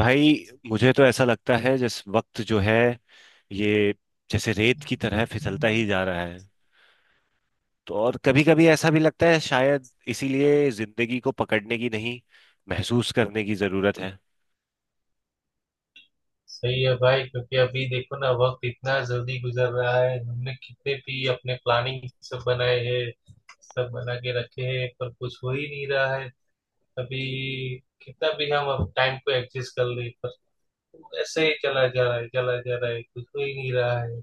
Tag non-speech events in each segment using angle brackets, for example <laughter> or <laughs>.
भाई, मुझे तो ऐसा लगता है जिस वक्त जो है, ये जैसे रेत की तरह फिसलता ही जा रहा है। तो और कभी कभी ऐसा भी लगता है, शायद इसीलिए जिंदगी को पकड़ने की नहीं, महसूस करने की जरूरत है। सही है भाई। क्योंकि अभी देखो ना, वक्त इतना जल्दी गुजर रहा है। हमने कितने भी अपने प्लानिंग सब बनाए हैं, सब बना के रखे हैं, पर कुछ हो ही नहीं रहा है। अभी कितना भी हम अब टाइम को एडजस्ट कर ले, पर ऐसे ही चला जा रहा है, चला जा रहा है, कुछ हो ही नहीं रहा है।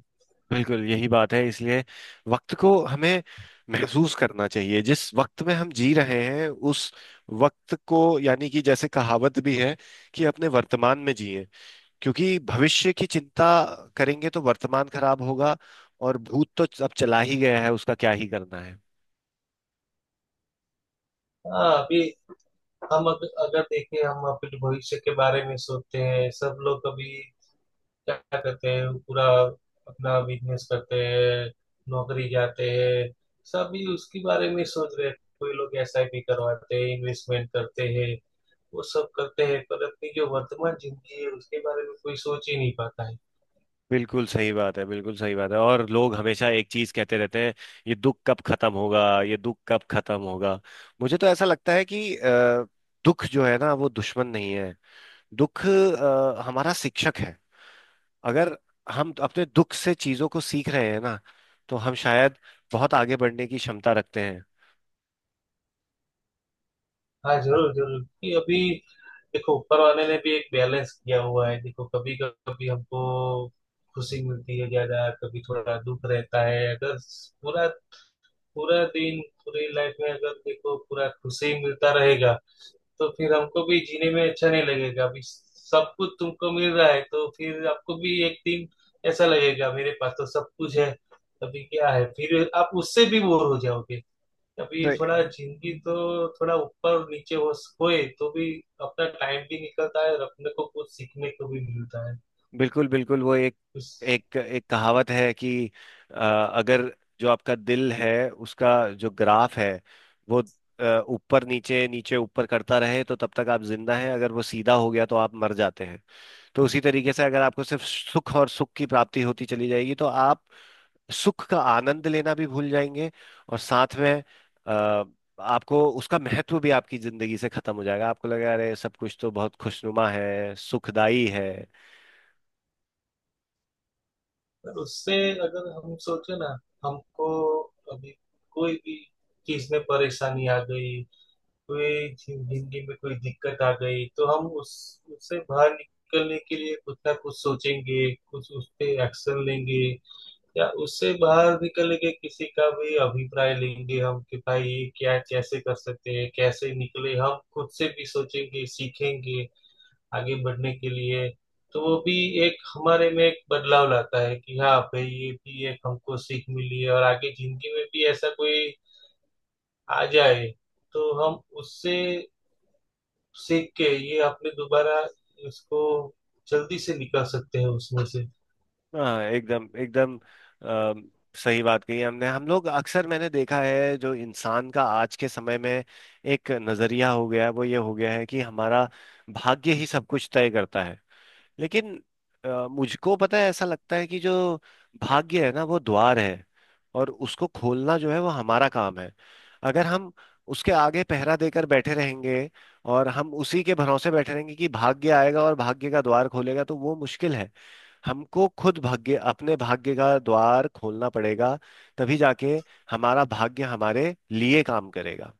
बिल्कुल यही बात है, इसलिए वक्त को हमें महसूस करना चाहिए जिस वक्त में हम जी रहे हैं उस वक्त को, यानी कि जैसे कहावत भी है कि अपने वर्तमान में जिए, क्योंकि भविष्य की चिंता करेंगे तो वर्तमान खराब होगा। और भूत तो अब चला ही गया है, उसका क्या ही करना है। हाँ, अभी हम अगर देखें, हम अपने भविष्य के बारे में सोचते हैं। सब लोग अभी क्या करते हैं? पूरा अपना बिजनेस करते हैं, नौकरी जाते हैं, सभी उसके बारे में सोच रहे हैं। कोई लोग एसआईपी करवाते हैं, इन्वेस्टमेंट करते हैं, वो सब करते हैं, पर अपनी जो वर्तमान जिंदगी है उसके बारे में कोई सोच ही नहीं पाता है। बिल्कुल सही बात है, बिल्कुल सही बात है। और लोग हमेशा एक चीज कहते रहते हैं, ये दुख कब खत्म होगा, ये दुख कब खत्म होगा। मुझे तो ऐसा लगता है कि दुख जो है ना वो दुश्मन नहीं है। दुख हमारा शिक्षक है। अगर हम अपने दुख से चीजों को सीख रहे हैं ना, तो हम शायद बहुत आगे बढ़ने की क्षमता रखते हैं। हाँ, जरूर जरूर। कि अभी देखो, ऊपर वाले ने भी एक बैलेंस किया हुआ है। देखो, कभी कभी हमको खुशी मिलती है ज्यादा, कभी थोड़ा दुख रहता है। अगर पूरा पूरा दिन, पूरी लाइफ में अगर देखो पूरा खुशी मिलता रहेगा, तो फिर हमको भी जीने में अच्छा नहीं लगेगा। अभी सब कुछ तुमको मिल रहा है तो फिर आपको भी एक दिन ऐसा लगेगा, मेरे पास तो सब कुछ है अभी क्या है, फिर आप उससे भी बोर हो जाओगे। तो अभी थोड़ा जिंदगी तो थोड़ा ऊपर नीचे हो होए तो भी अपना टाइम भी निकलता है और अपने को कुछ सीखने को भी मिलता है। बिल्कुल बिल्कुल वो एक उस एक एक कहावत है कि अगर जो आपका दिल है उसका जो ग्राफ है, वो अ, ऊपर नीचे नीचे ऊपर करता रहे तो तब तक आप जिंदा हैं। अगर वो सीधा हो गया तो आप मर जाते हैं। तो उसी तरीके से अगर आपको सिर्फ सुख और सुख की प्राप्ति होती चली जाएगी तो आप सुख का आनंद लेना भी भूल जाएंगे। और साथ में अ, आपको उसका महत्व भी आपकी जिंदगी से खत्म हो जाएगा। आपको लगेगा अरे, सब कुछ तो बहुत खुशनुमा है, सुखदाई है। और उससे अगर हम सोचे ना, हमको अभी कोई भी चीज में परेशानी आ गई, कोई जिंदगी में कोई दिक्कत आ गई, तो हम उस उससे बाहर निकलने के लिए कुछ ना कुछ सोचेंगे, कुछ उस पे एक्शन लेंगे, या उससे बाहर निकलने के किसी का भी अभिप्राय लेंगे हम, कि भाई ये क्या, कैसे कर सकते हैं, कैसे निकले, हम खुद से भी सोचेंगे, सीखेंगे आगे बढ़ने के लिए। तो वो भी एक हमारे में एक बदलाव लाता है कि हाँ भाई, ये भी एक हमको सीख मिली है, और आगे जिंदगी में भी ऐसा कोई आ जाए तो हम उससे सीख के ये आपने दोबारा इसको जल्दी से निकाल सकते हैं उसमें से। हाँ, एकदम एकदम। अम, सही बात कही हमने। हम लोग अक्सर, मैंने देखा है, जो इंसान का आज के समय में एक नजरिया हो गया है, वो ये हो गया है कि हमारा भाग्य ही सब कुछ तय करता है। लेकिन मुझको पता है, ऐसा लगता है कि जो भाग्य है ना वो द्वार है, और उसको खोलना जो है वो हमारा काम है। अगर हम उसके आगे पहरा देकर बैठे रहेंगे और हम उसी के भरोसे बैठे रहेंगे कि भाग्य आएगा और भाग्य का द्वार खोलेगा, तो वो मुश्किल है। हमको खुद भाग्य, अपने भाग्य का द्वार खोलना पड़ेगा, तभी जाके हमारा भाग्य हमारे लिए काम करेगा।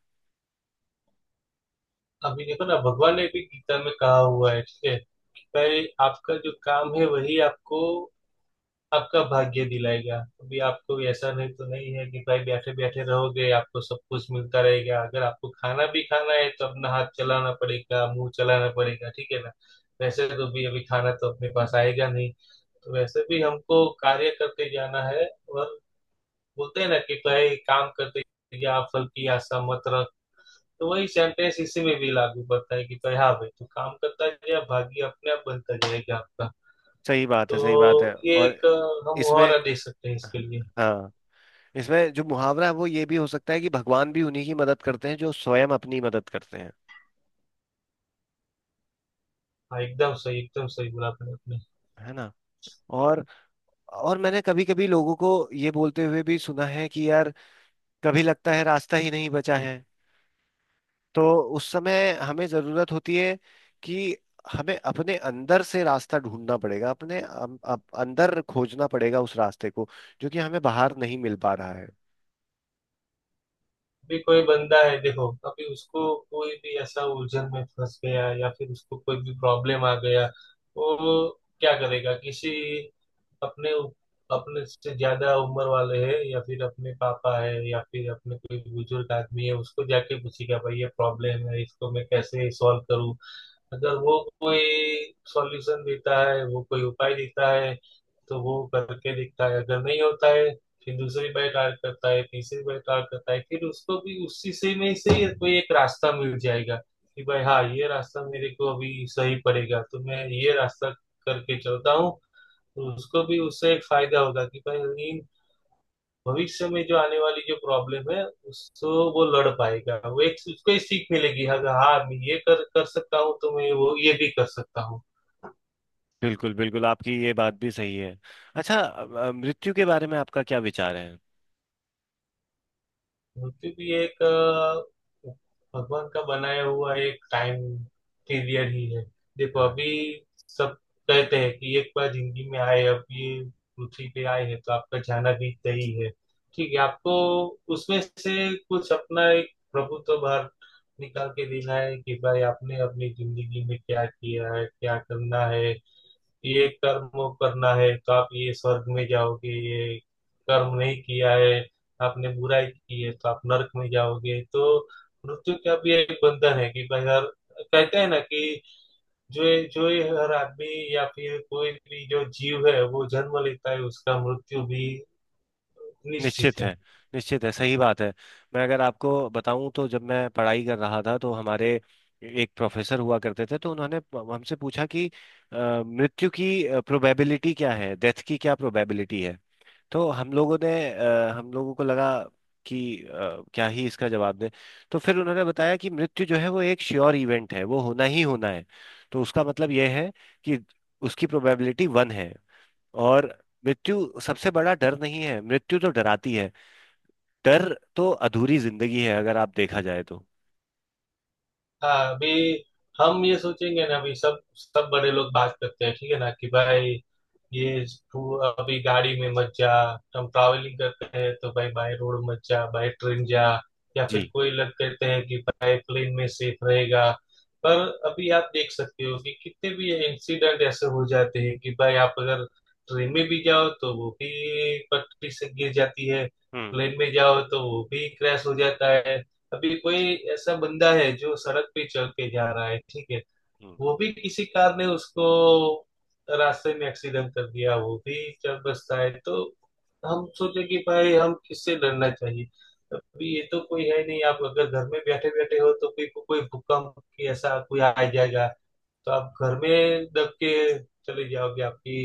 अभी देखो ना, भगवान ने भी गीता में कहा हुआ है, ठीक है, कि भाई आपका जो काम है वही आपको, आपका भाग्य दिलाएगा। अभी आपको ऐसा नहीं तो नहीं है कि भाई बैठे बैठे रहोगे आपको सब कुछ मिलता रहेगा। अगर आपको खाना भी खाना है तो अपना हाथ चलाना पड़ेगा, मुंह चलाना पड़ेगा, ठीक है ना? वैसे तो भी अभी खाना तो अपने पास आएगा नहीं, तो वैसे भी हमको कार्य करते जाना है। और बोलते हैं ना कि कई काम करते, या फल की आशा मत रख, तो वही सेंटेंस इसी में भी लागू पड़ता है कि भाई, हाँ भाई, तू काम करता जाए, भाग्य अपने आप बनता जाएगा आपका। सही बात है, सही बात है। तो ये और एक हम इसमें मुहावरा दे सकते हैं इसके लिए। हाँ। इसमें जो मुहावरा है वो ये भी हो सकता है कि भगवान भी उन्हीं की मदद करते हैं जो स्वयं अपनी मदद करते हैं। हाँ, एकदम सही, एकदम सही बोला आपने आपने। है ना। और मैंने कभी कभी लोगों को ये बोलते हुए भी सुना है कि यार, कभी लगता है रास्ता ही नहीं बचा है, तो उस समय हमें जरूरत होती है कि हमें अपने अंदर से रास्ता ढूंढना पड़ेगा। अपने अंदर खोजना पड़ेगा उस रास्ते को, जो कि हमें बाहर नहीं मिल पा रहा है। भी कोई बंदा है, देखो अभी उसको कोई भी ऐसा उलझन में फंस गया, या फिर उसको कोई भी प्रॉब्लम आ गया, वो क्या करेगा? किसी अपने अपने से ज्यादा उम्र वाले है या फिर अपने पापा है या फिर अपने कोई बुजुर्ग आदमी है, उसको जाके पूछेगा, भाई ये प्रॉब्लम है, इसको मैं कैसे सॉल्व करूँ? अगर वो कोई सॉल्यूशन देता है, वो कोई उपाय देता है, तो वो करके देखता है। अगर नहीं होता है, फिर दूसरी बार ट्राई करता है, तीसरी बार ट्राई करता है, फिर उसको भी उसी से में से ही कोई एक रास्ता मिल जाएगा, कि भाई हाँ, ये रास्ता मेरे को अभी सही पड़ेगा तो मैं ये रास्ता करके चलता हूँ। तो उसको भी उससे एक फायदा होगा कि भाई इन भविष्य में जो आने वाली जो प्रॉब्लम है, उसको वो लड़ पाएगा, वो एक उसको एक सीख मिलेगी, हाँ हाँ मैं ये कर कर सकता हूँ, तो मैं वो ये भी कर सकता हूँ। बिल्कुल बिल्कुल, आपकी ये बात भी सही है। अच्छा, मृत्यु के बारे में आपका क्या विचार है? मूर्ति भी एक अ, भगवान का बनाया हुआ एक टाइम पीरियड ही है। देखो हाँ, अभी सब कहते हैं कि एक बार जिंदगी में आए, अब ये पृथ्वी पे आए हैं तो आपका जाना भी तय है। ठीक है, आपको उसमें से कुछ अपना एक प्रभुत्व बाहर निकाल के देना है कि भाई आपने अपनी जिंदगी में क्या किया है, क्या करना है। ये कर्म करना है तो आप ये स्वर्ग में जाओगे, ये कर्म नहीं किया है, आपने बुराई की है तो आप नरक में जाओगे। तो मृत्यु का भी एक बंधन है कि भाई हर, कहते हैं ना कि जो ये हर आदमी या फिर कोई भी जो जीव है वो जन्म लेता है, उसका मृत्यु भी निश्चित निश्चित है। है। निश्चित है, सही बात है। मैं अगर आपको बताऊं तो जब मैं पढ़ाई कर रहा था तो हमारे एक प्रोफेसर हुआ करते थे। तो उन्होंने हमसे पूछा कि अ, मृत्यु की प्रोबेबिलिटी क्या है, डेथ की क्या प्रोबेबिलिटी है। तो हम लोगों को लगा कि क्या ही इसका जवाब दें। तो फिर उन्होंने बताया कि मृत्यु जो है वो एक श्योर इवेंट है, वो होना ही होना है। तो उसका मतलब यह है कि उसकी प्रोबेबिलिटी वन है। और मृत्यु सबसे बड़ा डर नहीं है, मृत्यु तो डराती है। डर तो अधूरी जिंदगी है, अगर आप देखा जाए तो। हाँ, अभी हम ये सोचेंगे ना, अभी सब सब बड़े लोग बात करते हैं, ठीक है ना, कि भाई ये तू अभी गाड़ी में मत जा, हम ट्रैवलिंग करते हैं तो भाई बाय रोड मत जा, बाय ट्रेन जा। या फिर जी। कोई लोग कहते हैं कि भाई प्लेन में सेफ रहेगा। पर अभी आप देख सकते हो कि कितने भी इंसिडेंट ऐसे हो जाते हैं कि भाई आप अगर ट्रेन में भी जाओ तो वो भी पटरी से गिर जाती है, हम्म, प्लेन में जाओ तो वो भी क्रैश हो जाता है। अभी कोई ऐसा बंदा है जो सड़क पे चल के जा रहा है, ठीक है, हम्म, वो भी किसी कार ने उसको रास्ते में एक्सीडेंट कर दिया, वो भी चल बसता है। तो हम सोचे कि भाई हम किससे डरना चाहिए? अभी ये तो कोई है नहीं। आप अगर घर में बैठे बैठे हो तो भी कोई भूकंप की ऐसा कोई आ जाएगा, तो आप घर में दब के चले जाओगे, आपकी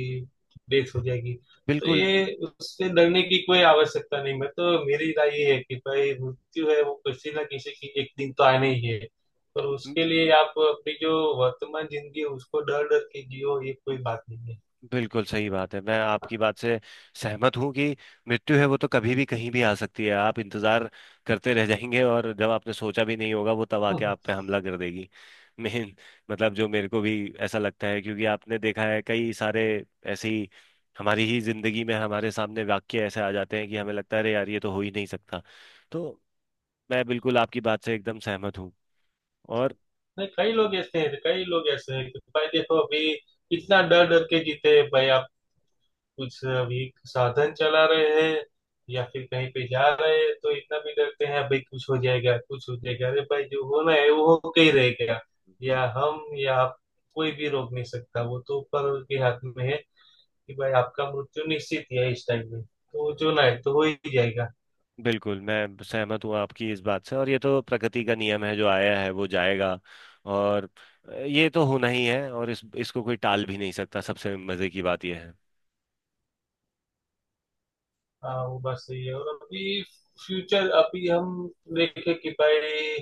डेथ हो जाएगी। तो बिल्कुल। ये उससे डरने की कोई आवश्यकता नहीं। मैं तो, मेरी राय ये है कि भाई मृत्यु है, वो किसी ना किसी की एक दिन तो आनी ही है। पर म- उसके लिए आप अपनी जो वर्तमान जिंदगी है, उसको डर डर के जियो, ये कोई बात नहीं है। बिल्कुल सही बात है। मैं आपकी बात से सहमत हूँ कि मृत्यु है वो तो कभी भी कहीं भी आ सकती है। आप इंतजार करते रह जाएंगे, और जब आपने सोचा भी नहीं होगा वो, तब आके आप पे <laughs> हमला कर देगी। मेन मतलब जो मेरे को भी ऐसा लगता है, क्योंकि आपने देखा है कई सारे ऐसे ही हमारी ही जिंदगी में हमारे सामने वाक्य ऐसे आ जाते हैं कि हमें लगता है अरे यार, ये तो हो ही नहीं सकता। तो मैं बिल्कुल आपकी बात से एकदम सहमत हूँ। और नहीं, कई लोग ऐसे हैं, कई लोग ऐसे हैं कि भाई देखो अभी कितना डर डर के जीते हैं भाई, कुछ अभी साधन चला रहे हैं या फिर कहीं पे जा रहे हैं, तो इतना भी डरते हैं भाई कुछ हो जाएगा, कुछ हो जाएगा। अरे भाई, जो होना है वो होके ही रहेगा। हम्म, या हम या आप, कोई भी रोक नहीं सकता, वो तो ऊपर के हाथ में है कि भाई आपका मृत्यु निश्चित ही है, इस टाइम में तो जो ना है तो हो ही जाएगा। बिल्कुल, मैं सहमत हूँ आपकी इस बात से। और ये तो प्रकृति का नियम है, जो आया है वो जाएगा। और ये तो होना ही है, और इस इसको कोई टाल भी नहीं सकता। सबसे मजे की बात यह है, हाँ, वो बात सही है। और अभी फ्यूचर, अभी हम देखें कि भाई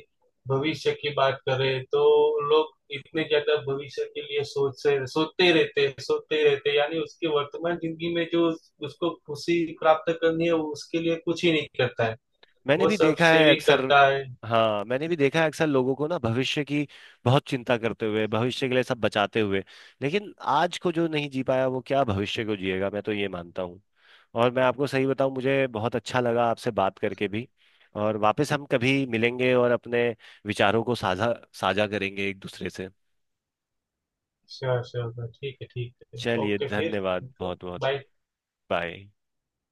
भविष्य की बात करें, तो लोग इतने ज्यादा भविष्य के लिए सोच से सोचते रहते हैं, सोचते रहते हैं, यानी उसके वर्तमान जिंदगी में जो उसको खुशी प्राप्त करनी है वो उसके लिए कुछ ही नहीं करता है, मैंने वो भी सब देखा है सेविंग अक्सर। करता है। हाँ, मैंने भी देखा है अक्सर लोगों को ना भविष्य की बहुत चिंता करते हुए, भविष्य के लिए सब बचाते हुए। लेकिन आज को जो नहीं जी पाया वो क्या भविष्य को जिएगा, मैं तो ये मानता हूँ। और मैं आपको सही बताऊं, मुझे बहुत अच्छा लगा आपसे बात करके भी। और वापस हम कभी मिलेंगे और अपने विचारों को साझा साझा करेंगे एक दूसरे से। श्योर श्योर, ठीक है ठीक है, चलिए, ओके फिर। धन्यवाद ओके, बहुत बहुत। बाय। बाय।